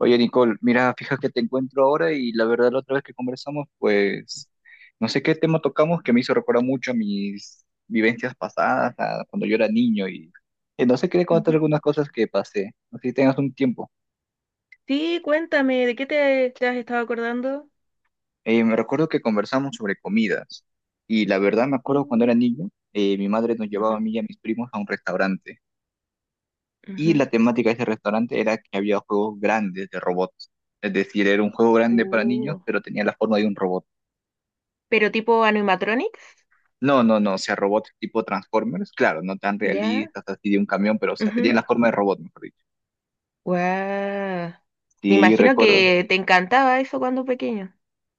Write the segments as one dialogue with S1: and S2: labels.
S1: Oye, Nicole, mira, fija que te encuentro ahora y la verdad la otra vez que conversamos, pues no sé qué tema tocamos que me hizo recordar mucho a mis vivencias pasadas, a cuando yo era niño y no sé, quería contar
S2: Ujú.
S1: algunas cosas que pasé, no sé si tengas un tiempo.
S2: Sí, cuéntame, ¿de qué te has estado acordando?
S1: Me recuerdo que conversamos sobre comidas y la verdad me acuerdo cuando era
S2: Mm.
S1: niño, mi madre nos llevaba a
S2: Ujú,
S1: mí y a mis primos a un restaurante y
S2: ujú.
S1: la temática de ese restaurante era que había juegos grandes de robots, es decir, era un juego grande para niños,
S2: Uh,
S1: pero tenía la forma de un robot.
S2: ¿Pero tipo animatronics?
S1: No, no, no, o sea, robots tipo Transformers, claro, no tan
S2: Ya.
S1: realistas, así de un camión, pero o sea, tenían
S2: Ujú.
S1: la forma de robot, mejor dicho.
S2: Guau. Me
S1: Sí,
S2: imagino
S1: recuerdo.
S2: que te encantaba eso cuando pequeño.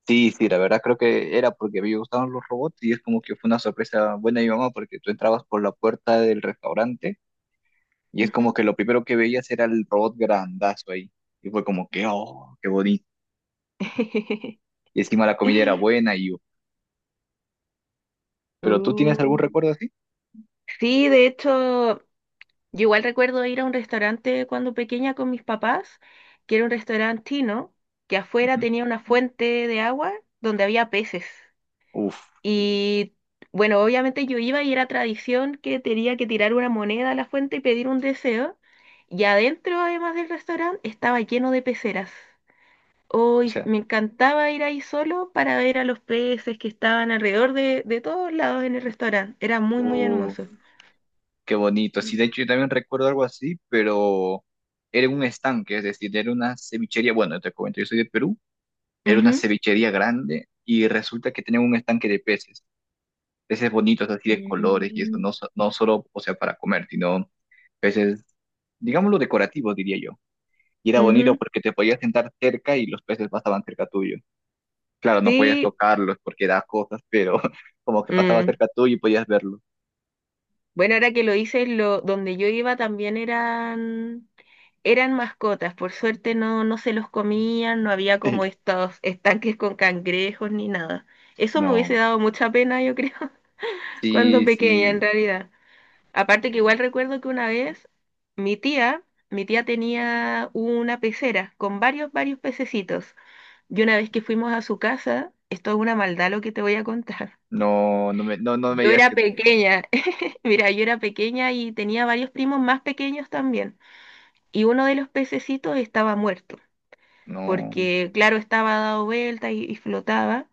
S1: Sí, sí, la verdad creo que era porque me gustaban los robots y es como que fue una sorpresa buena de mi mamá porque tú entrabas por la puerta del restaurante y es como
S2: Ujú.
S1: que lo primero que veías era el robot grandazo ahí y fue como que, oh, qué bonito. Y encima la comida era buena y yo, ¿pero tú tienes algún
S2: Uh,
S1: recuerdo así?
S2: Sí, de hecho, yo igual recuerdo ir a un restaurante cuando pequeña con mis papás, que era un restaurante chino, que afuera
S1: Ujú.
S2: tenía una fuente de agua donde había peces.
S1: Uf,
S2: Y bueno, obviamente yo iba y era tradición que tenía que tirar una moneda a la fuente y pedir un deseo. Y adentro, además del restaurante, estaba lleno de peceras.
S1: o
S2: Hoy
S1: sea,
S2: me encantaba ir ahí solo para ver a los peces que estaban alrededor de todos lados en el restaurante. Era muy, muy
S1: O
S2: hermoso.
S1: Qué bonito. Sí, de hecho yo también recuerdo algo así, pero era un estanque, es decir, era una cevichería. Bueno, te comento, yo soy de Perú, era una
S2: Ujú.
S1: cevichería grande y resulta que tenían un estanque de peces, peces bonitos así de colores y eso,
S2: Mm.
S1: no, no solo, o sea, para comer, sino peces, digámoslo, decorativos, diría yo. Y era bonito
S2: Ujú.
S1: porque te podías sentar cerca y los peces pasaban cerca tuyo. Claro, no podías
S2: Sí,
S1: tocarlos porque da cosas, pero como que pasaba
S2: mm.
S1: cerca tuyo y podías verlo.
S2: Bueno, ahora que lo hice, donde yo iba también eran mascotas, por suerte no, no se los comían, no había como estos estanques con cangrejos ni nada. Eso me hubiese
S1: No,
S2: dado mucha pena, yo creo, cuando
S1: sí,
S2: pequeña en
S1: sí.
S2: realidad. Aparte que igual recuerdo que una vez mi tía, mi tía tenía una pecera con varios pececitos. Y una vez que fuimos a su casa, esto es una maldad lo que te voy a contar.
S1: No, no me
S2: Yo
S1: digas
S2: era
S1: que no,
S2: pequeña, mira, yo era pequeña y tenía varios primos más pequeños también. Y uno de los pececitos estaba muerto,
S1: no,
S2: porque claro, estaba dado vuelta y flotaba.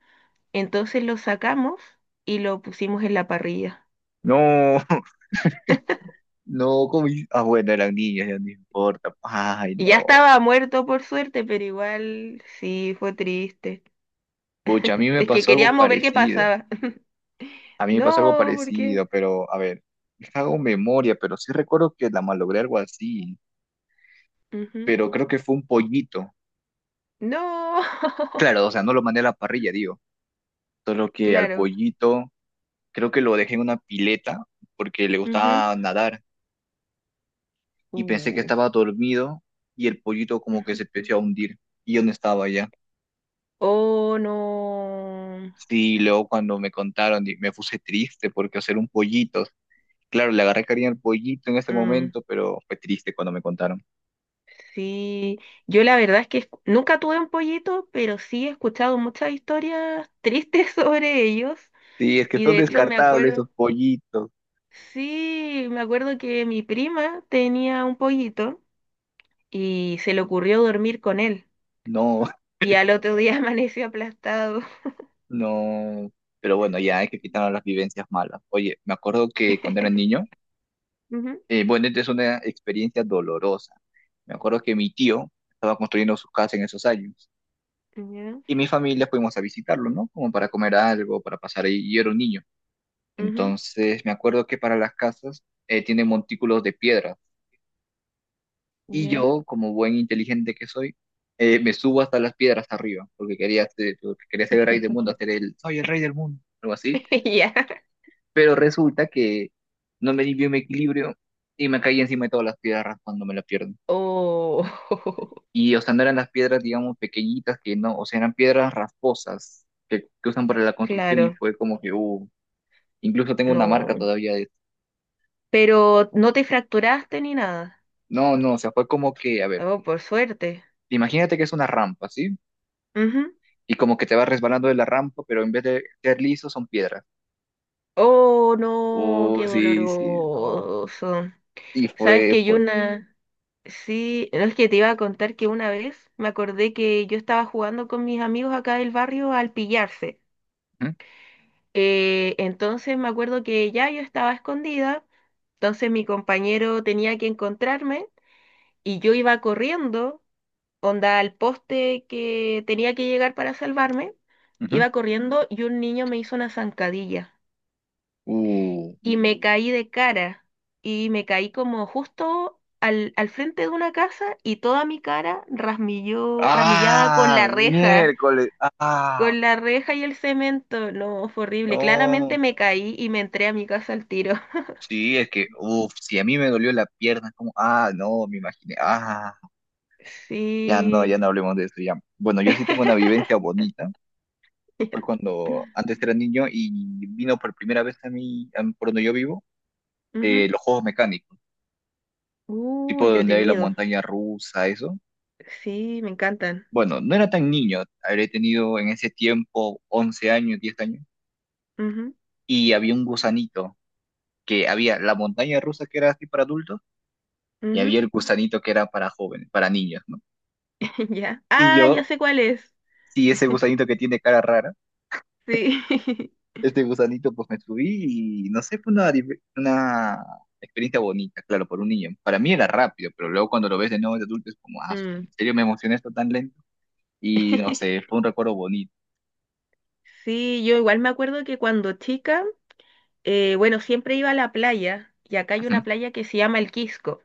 S2: Entonces lo sacamos y lo pusimos en la parrilla.
S1: no, no, como, ah, bueno, eran niños, ya no importa, ay,
S2: Y ya
S1: no,
S2: estaba muerto por suerte, pero igual sí, fue triste.
S1: pucha, a mí me
S2: Es que
S1: pasó algo
S2: queríamos ver qué
S1: parecido,
S2: pasaba.
S1: a mí me pasó algo
S2: No,
S1: parecido,
S2: porque.
S1: pero, a ver, hago memoria, pero sí recuerdo que la malogré algo así,
S2: Ujú.
S1: pero creo que fue un pollito,
S2: No,
S1: claro, o sea, no lo mandé a la parrilla, digo, solo que al
S2: claro.
S1: pollito, creo que lo dejé en una pileta, porque le
S2: Ujú.
S1: gustaba nadar, y pensé que
S2: Uh,
S1: estaba dormido, y el pollito como que
S2: Ujú.
S1: se empezó a hundir, y yo no estaba ya.
S2: Oh, no.
S1: Sí, luego cuando me contaron, me puse triste porque hacer un pollito. Claro, le agarré cariño al pollito en ese
S2: Mm,
S1: momento, pero fue triste cuando me contaron.
S2: sí, yo la verdad es que nunca tuve un pollito, pero sí he escuchado muchas historias tristes sobre ellos.
S1: Sí, es que
S2: Y
S1: son
S2: de hecho me eso?
S1: descartables esos
S2: Acuerdo,
S1: pollitos.
S2: sí, me acuerdo que mi prima tenía un pollito y se le ocurrió dormir con él.
S1: No,
S2: Y al otro día amaneció aplastado.
S1: no. Pero bueno, ya hay que quitar las vivencias malas. Oye, me acuerdo que cuando era niño,
S2: Ujú.
S1: bueno, esta es una experiencia dolorosa. Me acuerdo que mi tío estaba construyendo su casa en esos años
S2: Ya,
S1: y mi familia fuimos a visitarlo, ¿no? Como para comer algo, para pasar ahí. Y yo era un niño.
S2: ujú,
S1: Entonces, me acuerdo que para las casas tienen montículos de piedras. Y
S2: ya.
S1: yo, como buen inteligente que soy, me subo hasta las piedras arriba, porque quería ser el rey del mundo, hacer el, soy el rey del mundo, algo así.
S2: Ya.
S1: Pero resulta que no me di bien mi equilibrio y me caí encima de todas las piedras cuando me la pierdo.
S2: Oh,
S1: Y, o sea, no eran las piedras, digamos, pequeñitas, que no, o sea, eran piedras rasposas que usan para la construcción y
S2: claro,
S1: fue como que, incluso tengo una marca
S2: no.
S1: todavía de...
S2: Pero no te fracturaste ni nada.
S1: No, no, o sea, fue como que, a ver.
S2: Oh, por suerte.
S1: Imagínate que es una rampa, ¿sí?
S2: Ujú.
S1: Y como que te vas resbalando de la rampa, pero en vez de ser liso son piedras.
S2: Oh, no, qué
S1: Sí, sí, no.
S2: doloroso.
S1: Sí,
S2: Sabes que yo
S1: fue.
S2: una, Sí, no es que te iba a contar que una vez me acordé que yo estaba jugando con mis amigos acá del barrio al pillarse.
S1: Ujú,
S2: Entonces me acuerdo que ya yo estaba escondida, entonces mi compañero tenía que encontrarme y yo iba corriendo, onda al poste que tenía que llegar para salvarme,
S1: ujú.
S2: iba corriendo y un niño me hizo una zancadilla.
S1: Uh.
S2: Y me caí de cara y me caí como justo al frente de una casa y toda mi cara rasmilló, rasmillada con
S1: Ah,
S2: la reja,
S1: miércoles. Ah,
S2: con la reja y el cemento. No, fue horrible.
S1: no.
S2: Claramente me caí y me entré a mi casa al tiro.
S1: Sí, es que, uff, si a mí me dolió la pierna, como, ah, no, me imaginé. Ah, ya no, ya
S2: Sí.
S1: no hablemos de eso, ya. Bueno, yo sí tengo una vivencia bonita. Fue cuando antes era niño y vino por primera vez a mí, por donde yo vivo,
S2: Ujú.
S1: los juegos mecánicos. Tipo donde hay la
S2: Entretenido.
S1: montaña rusa, eso.
S2: Sí, me encantan.
S1: Bueno, no era tan niño, habré tenido en ese tiempo 11 años, 10 años, y había un gusanito, que había la montaña rusa que era así para adultos, y
S2: Ujú,
S1: había
S2: ujú.
S1: el gusanito que era para jóvenes, para niños, ¿no?
S2: Ya.
S1: Y
S2: Ah,
S1: yo,
S2: ya sé cuál es.
S1: sí, ese gusanito que tiene cara rara,
S2: Sí.
S1: este gusanito pues me subí y no sé, fue una, una experiencia bonita, claro, por un niño. Para mí era rápido, pero luego cuando lo ves de nuevo de adulto es como, ah,
S2: Mm.
S1: ¿en serio me emocioné esto tan lento? Y no sé, fue un recuerdo bonito.
S2: Sí, yo igual me acuerdo que cuando chica, bueno, siempre iba a la playa y acá hay una playa que se llama El Quisco.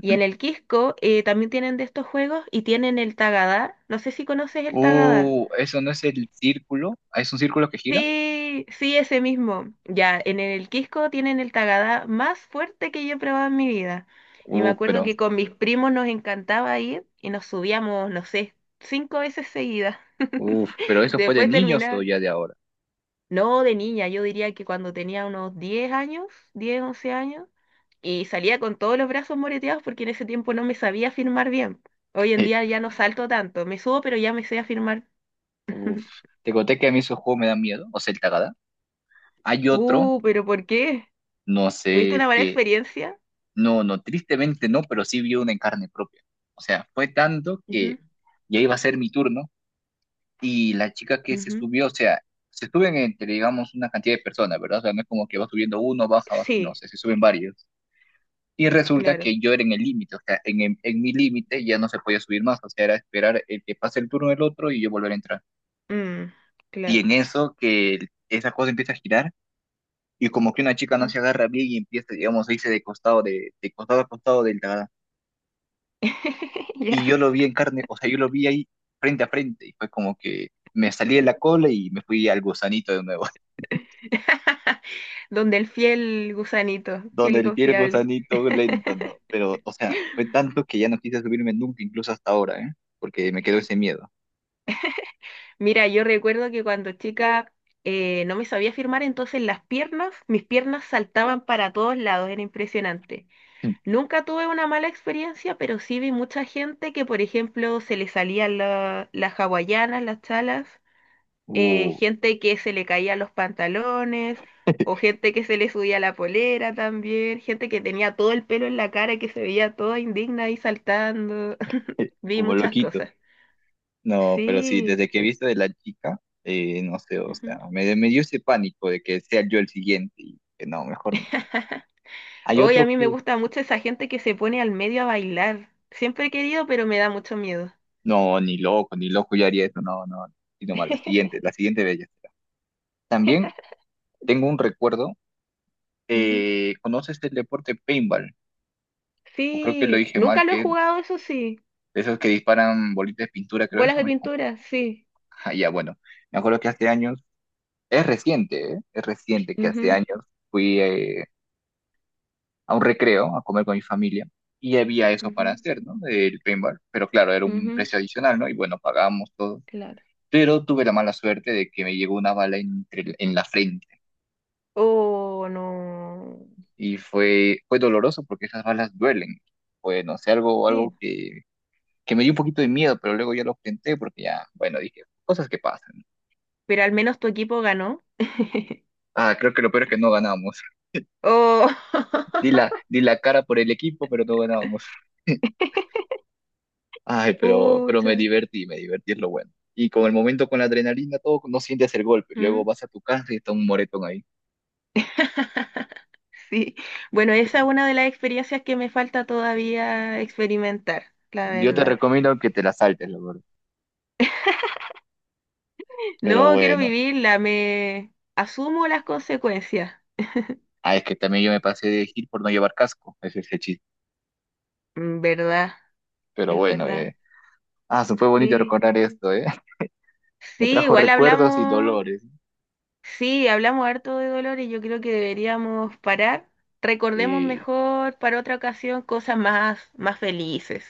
S2: Y en El Quisco también tienen de estos juegos y tienen el Tagadá. No sé si conoces el Tagadá.
S1: Eso no es el círculo. Ah, ¿es un círculo que gira?
S2: Sí, sí, ese mismo. Ya, en el Quisco tienen el Tagadá más fuerte que yo he probado en mi vida. Y me acuerdo
S1: Pero,
S2: que con mis primos nos encantaba ir y nos subíamos, no sé, cinco veces seguidas.
S1: uf, pero eso fue de
S2: Después
S1: niños o
S2: terminaba.
S1: ya de ahora.
S2: No, de niña, yo diría que cuando tenía unos 10 años, 10, 11 años, y salía con todos los brazos moreteados porque en ese tiempo no me sabía firmar bien. Hoy en día ya no salto tanto, me subo pero ya me sé afirmar.
S1: Uf, te conté que a mí esos juegos me dan miedo, o sea, el tagada. Hay otro,
S2: Pero ¿por qué?
S1: no
S2: ¿Tuviste
S1: sé, es
S2: una mala
S1: que,
S2: experiencia?
S1: no, no, tristemente no, pero sí vi una en carne propia. O sea, fue tanto
S2: Ujú,
S1: que ya iba a ser mi turno y la chica que se
S2: ujú.
S1: subió, o sea, se suben entre, digamos, una cantidad de personas, ¿verdad? O sea, no es como que va subiendo uno, baja, baja, no, o
S2: Sí,
S1: sea, se suben varios. Y resulta
S2: claro.
S1: que yo era en el límite, o sea, en mi límite ya no se podía subir más, o sea, era esperar el que pase el turno del otro y yo volver a entrar.
S2: Mm,
S1: Y
S2: claro.
S1: en eso que esa cosa empieza a girar y como que una chica no
S2: Mm.
S1: se agarra bien y empieza, digamos, a irse de costado, de costado a costado del tagada.
S2: Ya.
S1: Y yo lo vi en carne, o sea, yo lo vi ahí frente a frente y fue como que me salí de la cola y me fui al gusanito de nuevo,
S2: Donde el fiel gusanito, fiel
S1: donde
S2: y
S1: el pie del
S2: confiable.
S1: gusanito lento, ¿no? Pero, o sea, fue tanto que ya no quise subirme nunca, incluso hasta ahora, ¿eh? Porque me quedó ese miedo.
S2: Mira, yo recuerdo que cuando chica no me sabía firmar, entonces las piernas, mis piernas saltaban para todos lados, era impresionante. Nunca tuve una mala experiencia, pero sí vi mucha gente que, por ejemplo, se le salían las hawaianas, las chalas,
S1: Uh.
S2: gente que se le caían los pantalones, o gente que se le subía la polera también, gente que tenía todo el pelo en la cara y que se veía toda indigna ahí saltando. Vi
S1: Como
S2: muchas
S1: loquito.
S2: cosas.
S1: No, pero sí,
S2: Sí.
S1: desde que he visto de la chica, no sé, o
S2: Ujú.
S1: sea, me dio ese pánico de que sea yo el siguiente y que no, mejor no. Hay
S2: Hoy a
S1: otro
S2: mí me
S1: que,
S2: gusta mucho esa gente que se pone al medio a bailar. Siempre he querido, pero me da mucho miedo.
S1: no, ni loco, ni loco yo haría eso, no, no, no, sino más la siguiente bella será. También tengo un recuerdo,
S2: Ujú.
S1: ¿conoces el deporte paintball? O creo que lo
S2: Sí,
S1: dije mal,
S2: nunca lo he
S1: que es
S2: jugado, eso sí.
S1: de esos que disparan bolitas de pintura, creo
S2: Bolas
S1: eso
S2: de
S1: mismo.
S2: pintura, sí.
S1: Ah, ya, bueno, me acuerdo que hace años, es reciente, ¿eh? Es reciente que hace
S2: Ujú,
S1: años fui... a un recreo, a comer con mi familia, y había eso para
S2: ujú,
S1: hacer, ¿no? El paintball, pero claro, era un
S2: ujú.
S1: precio adicional, ¿no? Y bueno, pagábamos todo.
S2: Claro.
S1: Pero tuve la mala suerte de que me llegó una bala en la frente
S2: Oh, no.
S1: y fue, fue doloroso porque esas balas duelen. Fue, no sé, algo, algo
S2: Sí.
S1: que me dio un poquito de miedo, pero luego ya lo enfrenté porque ya, bueno, dije, cosas que pasan.
S2: Pero al menos tu equipo ganó.
S1: Ah, creo que lo peor es que no ganamos.
S2: Oh,
S1: Di la cara por el equipo, pero no ganamos. Ay, pero
S2: pucha.
S1: me divertí es lo bueno. Y con el momento, con la adrenalina, todo, no sientes el golpe. Luego
S2: Mm.
S1: vas a tu casa y está un moretón ahí.
S2: Sí. Bueno, esa es una de las experiencias que me falta todavía experimentar, la
S1: Yo te
S2: verdad.
S1: recomiendo que te la saltes, la verdad. Pero
S2: No quiero
S1: bueno.
S2: vivirla, me asumo las consecuencias.
S1: Ah, es que también yo me pasé de gil por no llevar casco. Ese es el chiste.
S2: Mm, ¿verdad?
S1: Pero
S2: Es
S1: bueno,
S2: verdad.
S1: Ah, se fue bonito
S2: Sí.
S1: recordar esto, ¿eh? Me
S2: Sí,
S1: trajo
S2: igual
S1: recuerdos y
S2: hablamos,
S1: dolores.
S2: sí, hablamos harto de dolor y yo creo que deberíamos parar. Recordemos
S1: Sí,
S2: mejor para otra ocasión cosas más, más felices.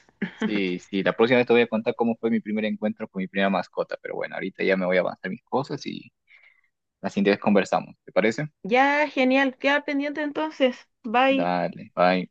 S1: sí, sí. La próxima vez te voy a contar cómo fue mi primer encuentro con mi primera mascota. Pero bueno, ahorita ya me voy a avanzar mis cosas y la siguiente vez conversamos. ¿Te parece?
S2: Ya, genial. Queda pendiente entonces. Bye.
S1: Dale, bye.